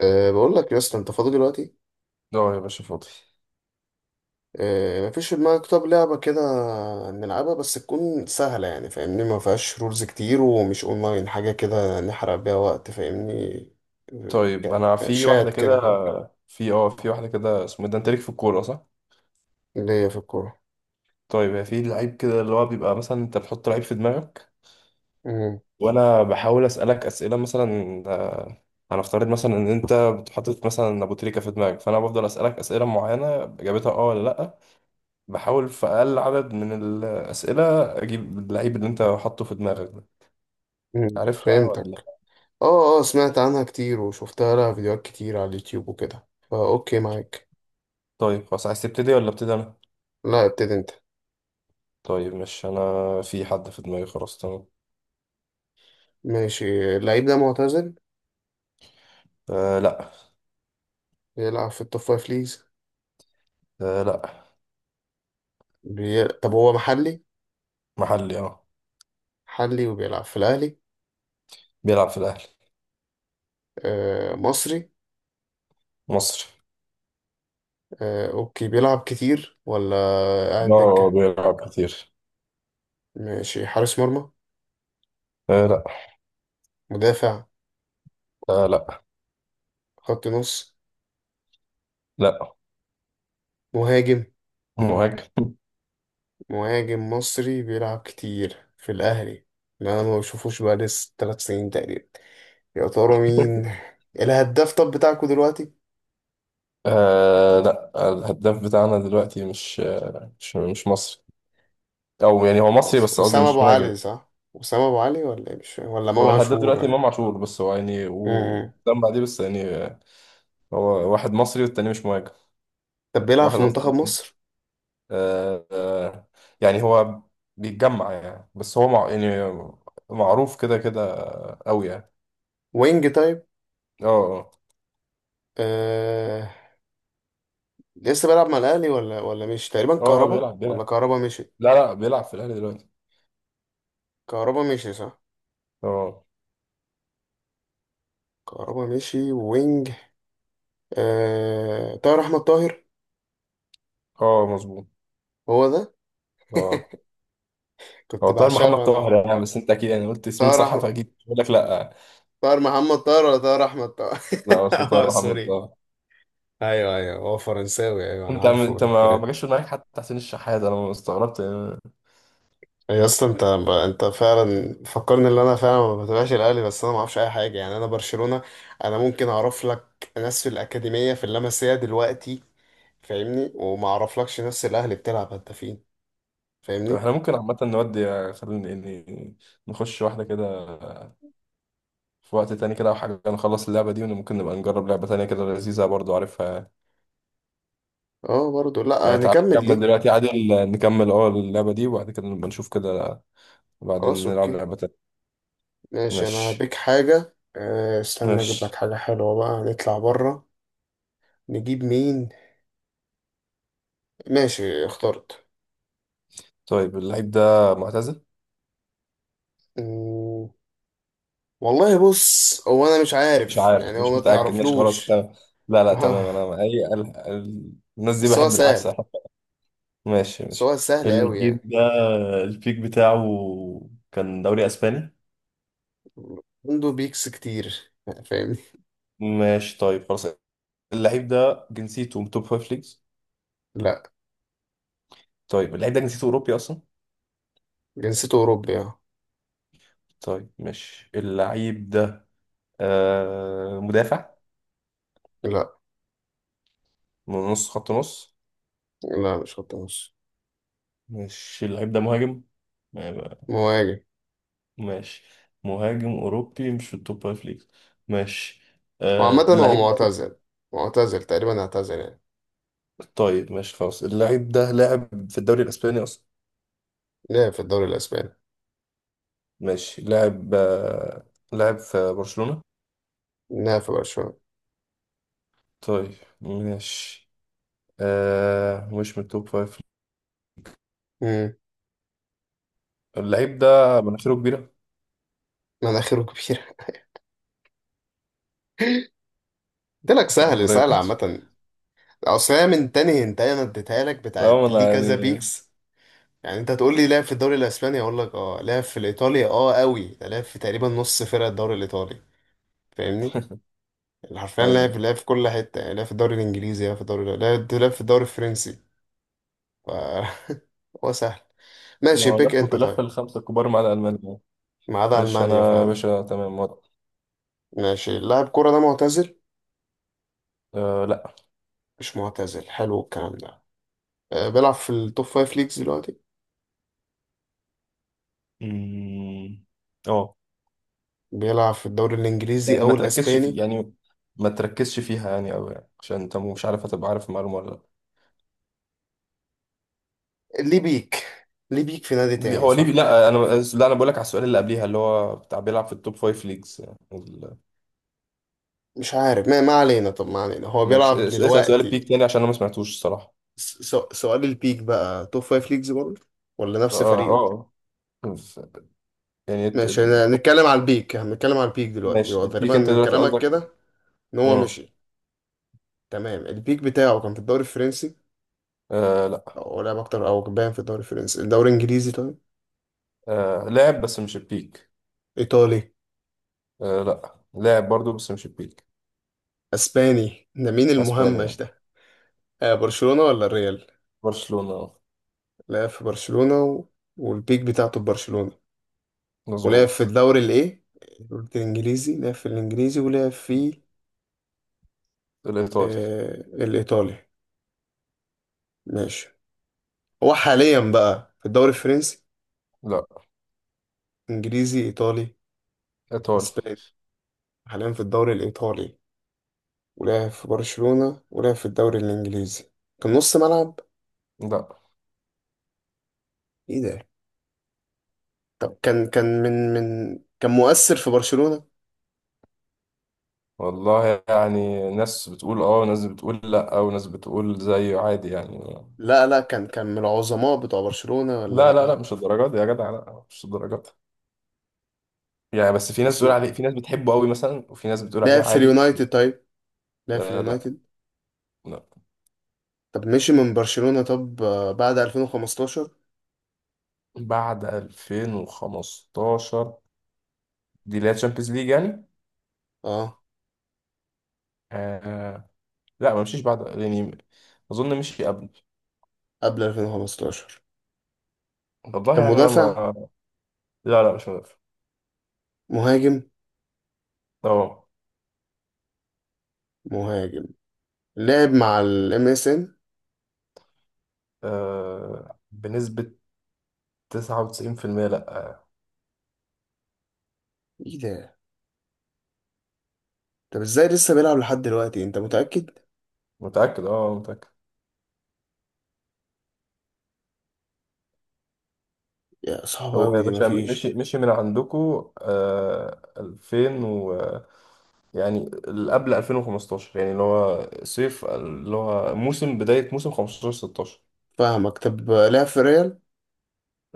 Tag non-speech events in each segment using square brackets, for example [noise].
بقول لك يا اسطى انت فاضي دلوقتي. اه يا باشا فاضي. مفيش في دماغك؟ طب لعبة كده نلعبها، بس تكون سهلة يعني، فاهمني؟ ما فيهاش رولز كتير ومش اونلاين، حاجة كده نحرق بيها وقت، فاهمني؟ طيب يعني انا في واحده شات كده، كده. فاهم؟ في واحده كده، اسمه إيه ده؟ انت ليك في الكوره صح؟ ليا في الكورة. طيب هي في لعيب كده اللي هو بيبقى مثلا انت بتحط لعيب في دماغك، مم. وانا بحاول اسالك اسئله، مثلا هنفترض مثلا ان انت بتحط مثلا ابو تريكه في دماغك، فانا بفضل اسالك اسئله معينه اجابتها اه ولا لا. بحاول في اقل عدد من الاسئله اجيب اللعيب اللي انت حاطه في دماغك ده. مم. عارفها ولا فهمتك. لا؟ اه سمعت عنها كتير وشفتها، لها فيديوهات كتير على اليوتيوب وكده، فا اوكي معاك. طيب خلاص، عايز تبتدي ولا ابتدي انا؟ لا، ابتدي انت. طيب مش انا، في حد في دماغي، خلاص تمام. ماشي، اللعيب ده معتزل؟ أه لا. بيلعب في التوب فايف ليجز؟ آه لا. طب هو محلي؟ محلي اه. محلي وبيلعب في الاهلي؟ بيلعب في الأهلي. مصري؟ مصري. اوكي، بيلعب كتير ولا قاعد اه دكة؟ بيلعب كتير. ماشي. حارس مرمى؟ آه لا. مدافع؟ آه لا. خط نص؟ لا. مهاجم. مهاجم. مهاجم مصري بيلعب كتير في الأهلي اللي أنا ما بشوفوش بقى لسه تلات سنين تقريبا. يا ترى مين؟ الهداف طب بتاعكوا دلوقتي؟ آه لا. الهداف بتاعنا دلوقتي مش مصري، أو يعني هو مصري خلاص، بس قصدي أسامة مش أبو مهاجم. علي صح؟ أسامة أبو علي ولا إيه؟ مش فاهم. ولا إمام هو الهداف عاشور، دلوقتي ولا؟ إمام عاشور، بس هو يعني مم. وسام بعديه، بس يعني آه، هو واحد مصري والتاني مش مهاجم. طب بيلعب واحد في منتخب قصدي. مصر؟ آه آه. يعني هو بيتجمع يعني، بس هو مع يعني معروف كده كده قوي يعني. وينج طيب؟ اه اه. آه، لسه بيلعب مع الاهلي ولا مشي تقريبا؟ اه آه، كهربا؟ بيلعب ولا بيلعب كهربا مشي؟ لا لا بيلعب في الاهلي دلوقتي. كهربا مشي صح؟ اه. كهربا مشي وينج. طاهر احمد طاهر؟ اه مظبوط. هو ده. اه. هو كنت طاهر محمد بعشقه طاهر انا. يعني، بس انت اكيد يعني قلت اسمين طاهر صح، احمد. فاكيد بقول لك لا. طاهر محمد طاهر ولا طاهر احمد طاهر؟ لا [laughs] بس هو اه طاهر محمد سوري. طاهر. ايوه ايوه، هو فرنساوي، ايوه انا انت عارفه، انت ما الترند. جاش في دماغك حتى حسين الشحات، انا استغربت يعني. يا اسطى انت، انت فعلا فكرني ان انا فعلا ما بتابعش الاهلي، بس انا ما اعرفش اي حاجه يعني، انا برشلونه. انا ممكن اعرف لك ناس في الاكاديميه، في اللمسيه دلوقتي، فاهمني؟ وما اعرفلكش ناس الاهلي بتلعب هدافين، طب فاهمني؟ احنا ممكن عامه نودي خلينا يعني نخش واحده كده في وقت تاني كده او حاجه، نخلص اللعبه دي وممكن نبقى نجرب لعبه تانيه كده لذيذه برضو عارفها. اه برضو لا، يعني تعال نكمل نكمل دي. دلوقتي عادل، نكمل اه اللعبه دي وبعد كده نبقى نشوف كده، بعدين خلاص نلعب اوكي. لعبه تانيه. ماشي، انا ماشي. هبيك حاجه استنى اجيب لك ماشي. حاجه حلوه بقى، نطلع بره. نجيب مين؟ ماشي اخترت. طيب اللعيب ده معتزل؟ مم، والله بص، هو انا مش مش عارف عارف يعني، هو مش ما متأكد، ماشي خلاص تعرفلوش. تمام. لا لا تمام، [laughs] انا اي الناس دي بس هو بحب العكس. سهل. [laughs] ماشي بس ماشي. هو سهل أوي الجيل يعني. ده، البيك بتاعه كان دوري اسباني. عنده بيكس كتير، فاهمني؟ ماشي، طيب خلاص، اللعيب ده جنسيته من توب فايف ليجز؟ لا. طيب اللعيب ده جنسيته اوروبي اصلا؟ جنسيته أوروبي، اه. طيب ماشي، اللعيب ده آه مدافع؟ لا. من نص، خط نص؟ لا مش خط نص. ماشي، اللعيب ده مهاجم. مهاجم. ماشي. مهاجم أوروبي مش في التوب فايف ليجز، ماشي. وعامة آه هو اللعيب ده، معتزل. معتزل تقريبا، اعتزل يعني. طيب ماشي خلاص، اللعيب ده لاعب في الدوري الأسباني أصلا. لعب في الدوري الأسباني. ماشي، لاعب آه، لاعب في برشلونة. لعب في برشلونة. طيب ماشي. آه مش من التوب فايف. امم. اللعيب ده مناخيره كبيرة. مناخيره كبيرة. [laughs] قلت لك [laughs] سهل، سهل ابراهيموفيتش. عامة. أصل هي من تاني هنتاية أنا اديتها لك، اه ما بتاعت انا ليه كذا يعني. بيكس. يعني أنت تقول لي لعب في الدوري الأسباني، أقول لك اه لعب في الإيطالي، اه أوي ده لعب في تقريبا نص فرق الدوري الإيطالي، فاهمني؟ حرفيا لعب ايوه. لعب في كل حتة، يعني لعب في الدوري الإنجليزي، لعب في الدوري، لعب في الدوري الفرنسي. ف [laughs] هو سهل. ما ماشي، هو بيك لف أنت طيب. لف الخمسة الكبار مع الألمان. ما عدا ماشي ألمانيا انا، يا فعلا. باشا تمام ورا. ماشي. لاعب كورة ده معتزل؟ آه لا. مش معتزل، حلو الكلام ده. بيلعب في التوب فايف ليجز دلوقتي؟ مم. اه. بيلعب في الدوري الإنجليزي يعني ما أو تركزش في، الأسباني؟ يعني ما تركزش فيها يعني أوي يعني، عشان انت مش عارف هتبقى عارف المعلومه ولا لا. ليه بيك؟ ليه بيك في نادي تاني هو ليفي، صح؟ لا انا، لا انا بقول لك على السؤال اللي قبليها اللي هو بتاع بيلعب في التوب فايف ليجز، يعني مش عارف ما علينا، طب ما علينا، هو بيلعب ماشي، اسال سؤال دلوقتي. البيك تاني عشان انا ما سمعتوش الصراحه. سؤال البيك بقى توب فايف ليجز برضه ولا نفس اه فريقه؟ اه. ف- يعني ماشي، نتكلم على البيك. هنتكلم على البيك دلوقتي، ماشي هو البيك تقريبا انت من دلوقتي كلامك قصدك. كده ان هو اه. مشي. تمام، البيك بتاعه كان في الدوري الفرنسي؟ آه لا. او لعب اكتر او كان باين في الدوري الفرنسي؟ الدوري الانجليزي طيب؟ آه لاعب بس مش البيك. ايطالي؟ آه لا، لاعب برضو بس مش البيك. اسباني ده، مين المهمش اسبانيا. ده؟ آه، برشلونة ولا الريال؟ برشلونه آه. لعب في برشلونة و... والبيك بتاعته في برشلونة. ولعب في مظبوط. الدوري الايه؟ قلت الانجليزي، لعب في الانجليزي ولعب في، الايطالي. آه الايطالي. ماشي. هو حاليا بقى في الدوري الفرنسي؟ لا. انجليزي؟ ايطالي؟ ايطالي. اسباني؟ حاليا في الدوري الإيطالي، ولعب في برشلونة، ولعب في الدوري الإنجليزي. كان نص ملعب؟ لا. إيه ده! طب كان كان من من كان مؤثر في برشلونة؟ والله يعني ناس بتقول اه وناس بتقول لا وناس بتقول زيه عادي يعني. لا كان من العظماء بتوع برشلونة ولا لا لا لا لا؟ مش الدرجات دي يا جدع، لا مش الدرجات دي. يعني بس في ناس بتقول أسمع، عليه، في ناس بتحبه قوي مثلا، وفي ناس بتقول لعب عليه في عادي. اليونايتد طيب؟ لعب في آه لا. اليونايتد. لا طب مشي من برشلونة طب بعد 2015؟ بعد 2015. دي اللي هي تشامبيونز ليج يعني. اه آه. لا ما مشيش بعد يعني، اظن مشي قبل. قبل 2015. والله كان يعني انا مدافع؟ ما. لا لا مش مدافع. مهاجم. اه مهاجم، لعب مع الام اس ان؟ آه، بنسبة 99% لا. ايه ده! طب ازاي لسه بيلعب لحد دلوقتي، انت متأكد؟ متأكد اه متأكد. يا صعبة هو أوي يا دي، باشا مفيش. مشي مشي من عندكو آه 2000 و، يعني قبل 2015 يعني اللي هو صيف، اللي هو موسم بداية موسم 15 16. فاهمك. طب لعب في ريال؟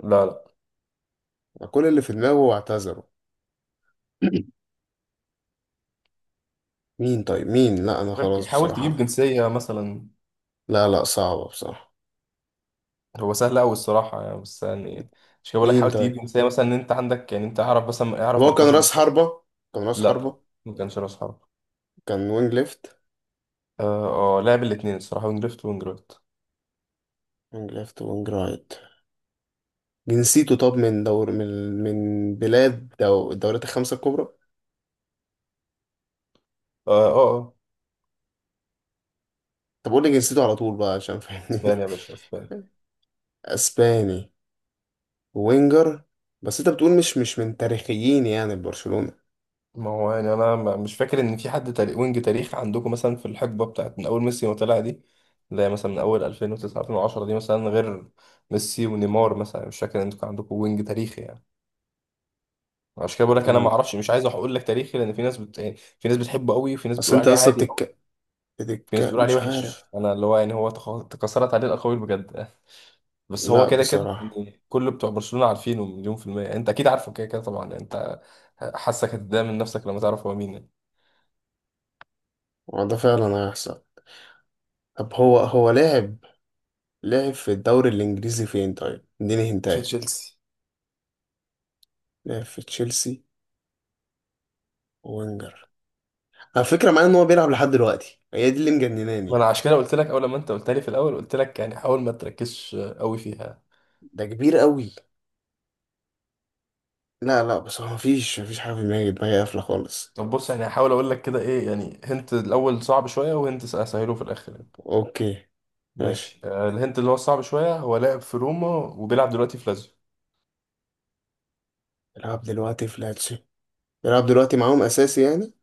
لا لا. كل اللي في دماغه واعتذروا. [clears throat] مين طيب؟ مين؟ لا أنا غير كده، خلاص حاول تجيب بصراحة. جنسية مثلا. لا لا صعبة بصراحة. هو سهل أوي الصراحة يعني، بس يعني مش كده بقول لك، مين حاول تجيب طيب؟ جنسية مثلا، إن أنت عندك يعني، أنت أعرف مثلا طب أعرف هو كان مركزه راس بالظبط. حربة؟ كان راس لا حربة؟ ما كانش رأس حرب. كان وينج ليفت؟ اه آه، لعب الاتنين الصراحة، وينج ليفت وينج رايت. وينج ليفت وينج رايت. جنسيته طب من دور، من بلاد دو الدوريات الخمسة الكبرى؟ اه اه آه. طب قول لي جنسيته على طول بقى، عشان اسبانيا فاهمني. يا باشا، اسبانيا. [laughs] اسباني. وينجر. بس انت بتقول مش من تاريخيين يعني برشلونة. ما هو يعني انا مش فاكر ان في حد تاريخ وينج، تاريخ عندكم مثلا في الحقبه بتاعت من اول ميسي ما طلع دي، زي مثلا من اول 2009 2010 دي مثلا، غير ميسي ونيمار مثلا، مش فاكر ان انتوا كان عندكم وينج تاريخي يعني. عشان كده بقول لك انا ما رونالدو. اعرفش، مش عايز اقول لك تاريخي، لان في ناس يعني في ناس بتحبه قوي وفي ناس اصل بتقول انت عليه اصلا عادي. في ناس الدكة بتقول عليه مش عارف. وحش، انا اللي هو يعني هو تكسرت عليه الاقاويل بجد. [laughs] بس هو لا كده كده بصراحة. يعني، كل بتوع برشلونه عارفينه مليون في الميه، انت اكيد عارفه كده كده طبعا انت. حاسك هتتضايق من نفسك لما تعرف هو مين يعني. هو ده فعلا هيحصل. طب هو لعب، لعب في الدوري الإنجليزي فين طيب؟ اديني في هنتاية. تشيلسي. لعب في تشيلسي. وينجر. على فكرة معايا إن هو بيلعب لحد دلوقتي، هي دي اللي ما مجنناني. انا عشان كده قلت لك اول لما انت قلت لي في الاول قلت لك يعني حاول ما تركزش قوي فيها. ده كبير قوي. لا لا، بس هو مفيش، مفيش حاجة في دماغي، دماغي قافلة خالص. طب بص يعني، هحاول اقول لك كده ايه، يعني هنت الاول صعب شويه وهنت اسهله في الاخر يعني. أوكي. ماشي. ماشي آه، الهنت اللي هو الصعب شويه هو لاعب في روما وبيلعب دلوقتي في لازيو. بيلعب دلوقتي في لاتسيو. بيلعب دلوقتي معاهم أساسي يعني؟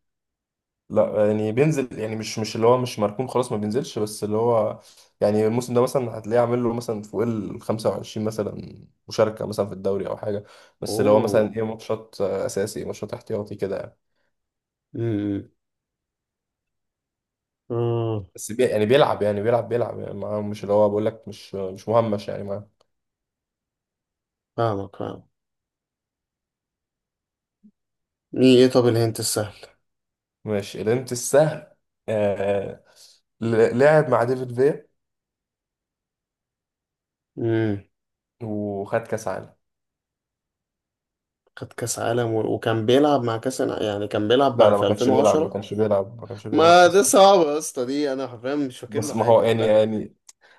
لا يعني بينزل يعني، مش اللي هو مش مركون خلاص ما بينزلش، بس اللي هو يعني الموسم ده مثلا هتلاقيه عامل له مثلا فوق ال 25 مثلا مشاركه مثلا في الدوري او حاجه، بس اللي هو مثلا أوه. ايه ماتشات آه، اساسي ماتشات احتياطي كده يعني. امم. امم. بس يعني بيلعب يعني بيلعب يعني معاه، مش اللي هو بقول لك مش مهمش يعني معاه. فاهمك فاهمك. مين إيه طب الهنت السهل؟ ماشي الانت السهل آه. لعب مع ديفيد فيا مم. وخد كاس عالم. خد كاس عالم وكان بيلعب مع يعني كان لا بيلعب لا ما في كانش بيلعب ما 2010؟ كانش بيلعب ما كانش بيلعب ما كاس ده عالم. صعب يا اسطى، دي انا حرفيا مش فاكر له بس ما هو حاجه، يعني لا. يعني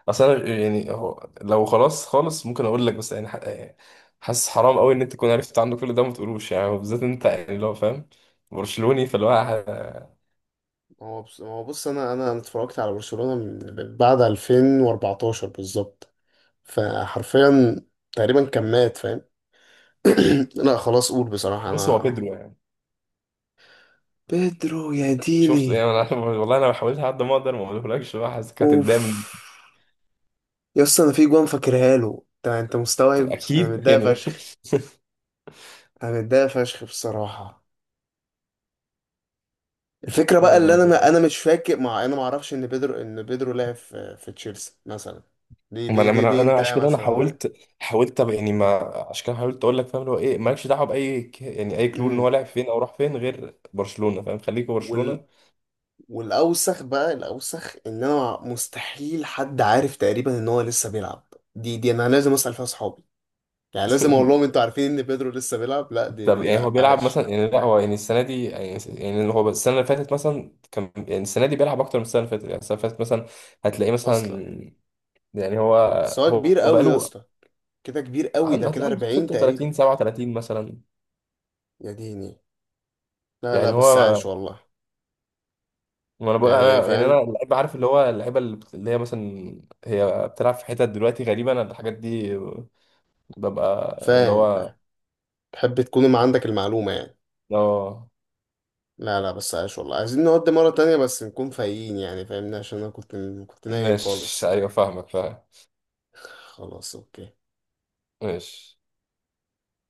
اصلا يعني، هو لو خلاص خالص ممكن اقول لك، بس يعني يعني حاسس حرام قوي ان انت تكون عرفت عنه كل ده وما تقولوش يعني، بالذات انت يعني اللي هو فاهم برشلوني، فاللي هو ما هو بص، ما هو بص، انا أنا اتفرجت على برشلونه من بعد 2014 بالظبط، فحرفيا تقريبا كان مات، فاهم؟ [clears throat] لا خلاص، قول بصراحه بص هو انا. بيدرو يعني. بيدرو! يا شفت يعني ديني! انا. [laughs] والله انا حاولت على قد ما اقدر ما اقولهولكش بقى، حاسسك اوف. هتتضايق يا اسطى انا في جوان فاكرها له، انت انت مستوعب انا اكيد متضايق يعني. فشخ. انا متضايق فشخ بصراحه. الفكره [laughs] بقى اللي ما انا، ما انا مش فاكر مع، انا ما اعرفش ان بيدرو، ان بيدرو لعب في في تشيلسي مثلا. دي دي ما دي انا دي أنا انت عشان كده انا مثلا. حاولت، حاولت يعني ما، عشان كده حاولت اقول لك، فاهم اللي هو ايه، مالكش دعوه باي يعني اي كلو ان هو امم. لعب فين او راح فين غير برشلونه، فاهم، خليك في وال، برشلونه. والاوسخ بقى، الاوسخ ان انا مستحيل، حد عارف تقريبا ان هو لسه بيلعب، دي انا لازم اسال فيها اصحابي. يعني لازم اقول لهم [laughs] انتوا عارفين ان بيدرو لسه بيلعب؟ لا دي طب دي، يعني هو لا بيلعب عاش! مثلا يعني، لا هو يعني السنه دي يعني يعني، هو السنه اللي فاتت مثلا كان يعني، السنه دي بيلعب اكتر من السنه اللي فاتت، يعني السنه اللي فاتت مثلا هتلاقيه اصلا. مثلا، يعني هو بس هو هو كبير قوي يا بقاله، اسطى. كده كبير قوي، ده عنده، كده هتلاقي عنده 40 تقريبا. 36 37 مثلا، يا ديني. لا لا يعني بس هو. عاش والله. ما انا بقول يعني انا يعني، فاهم. انا اللعيب عارف اللي هو اللعيبه اللي اللي هي مثلا هي بتلعب في حتت دلوقتي غريبه، انا الحاجات دي ببقى اللي فاهم هو فاهم. تحب تكون ما عندك المعلومة يعني. اه. لا لا بس عايش والله. عايزين نقعد مرة تانية بس نكون فايقين، يعني فاهمني، عشان أنا كنت، كنت نايم مش خالص. ايوه، فاهمك فاهم. خلاص أوكي. ماشي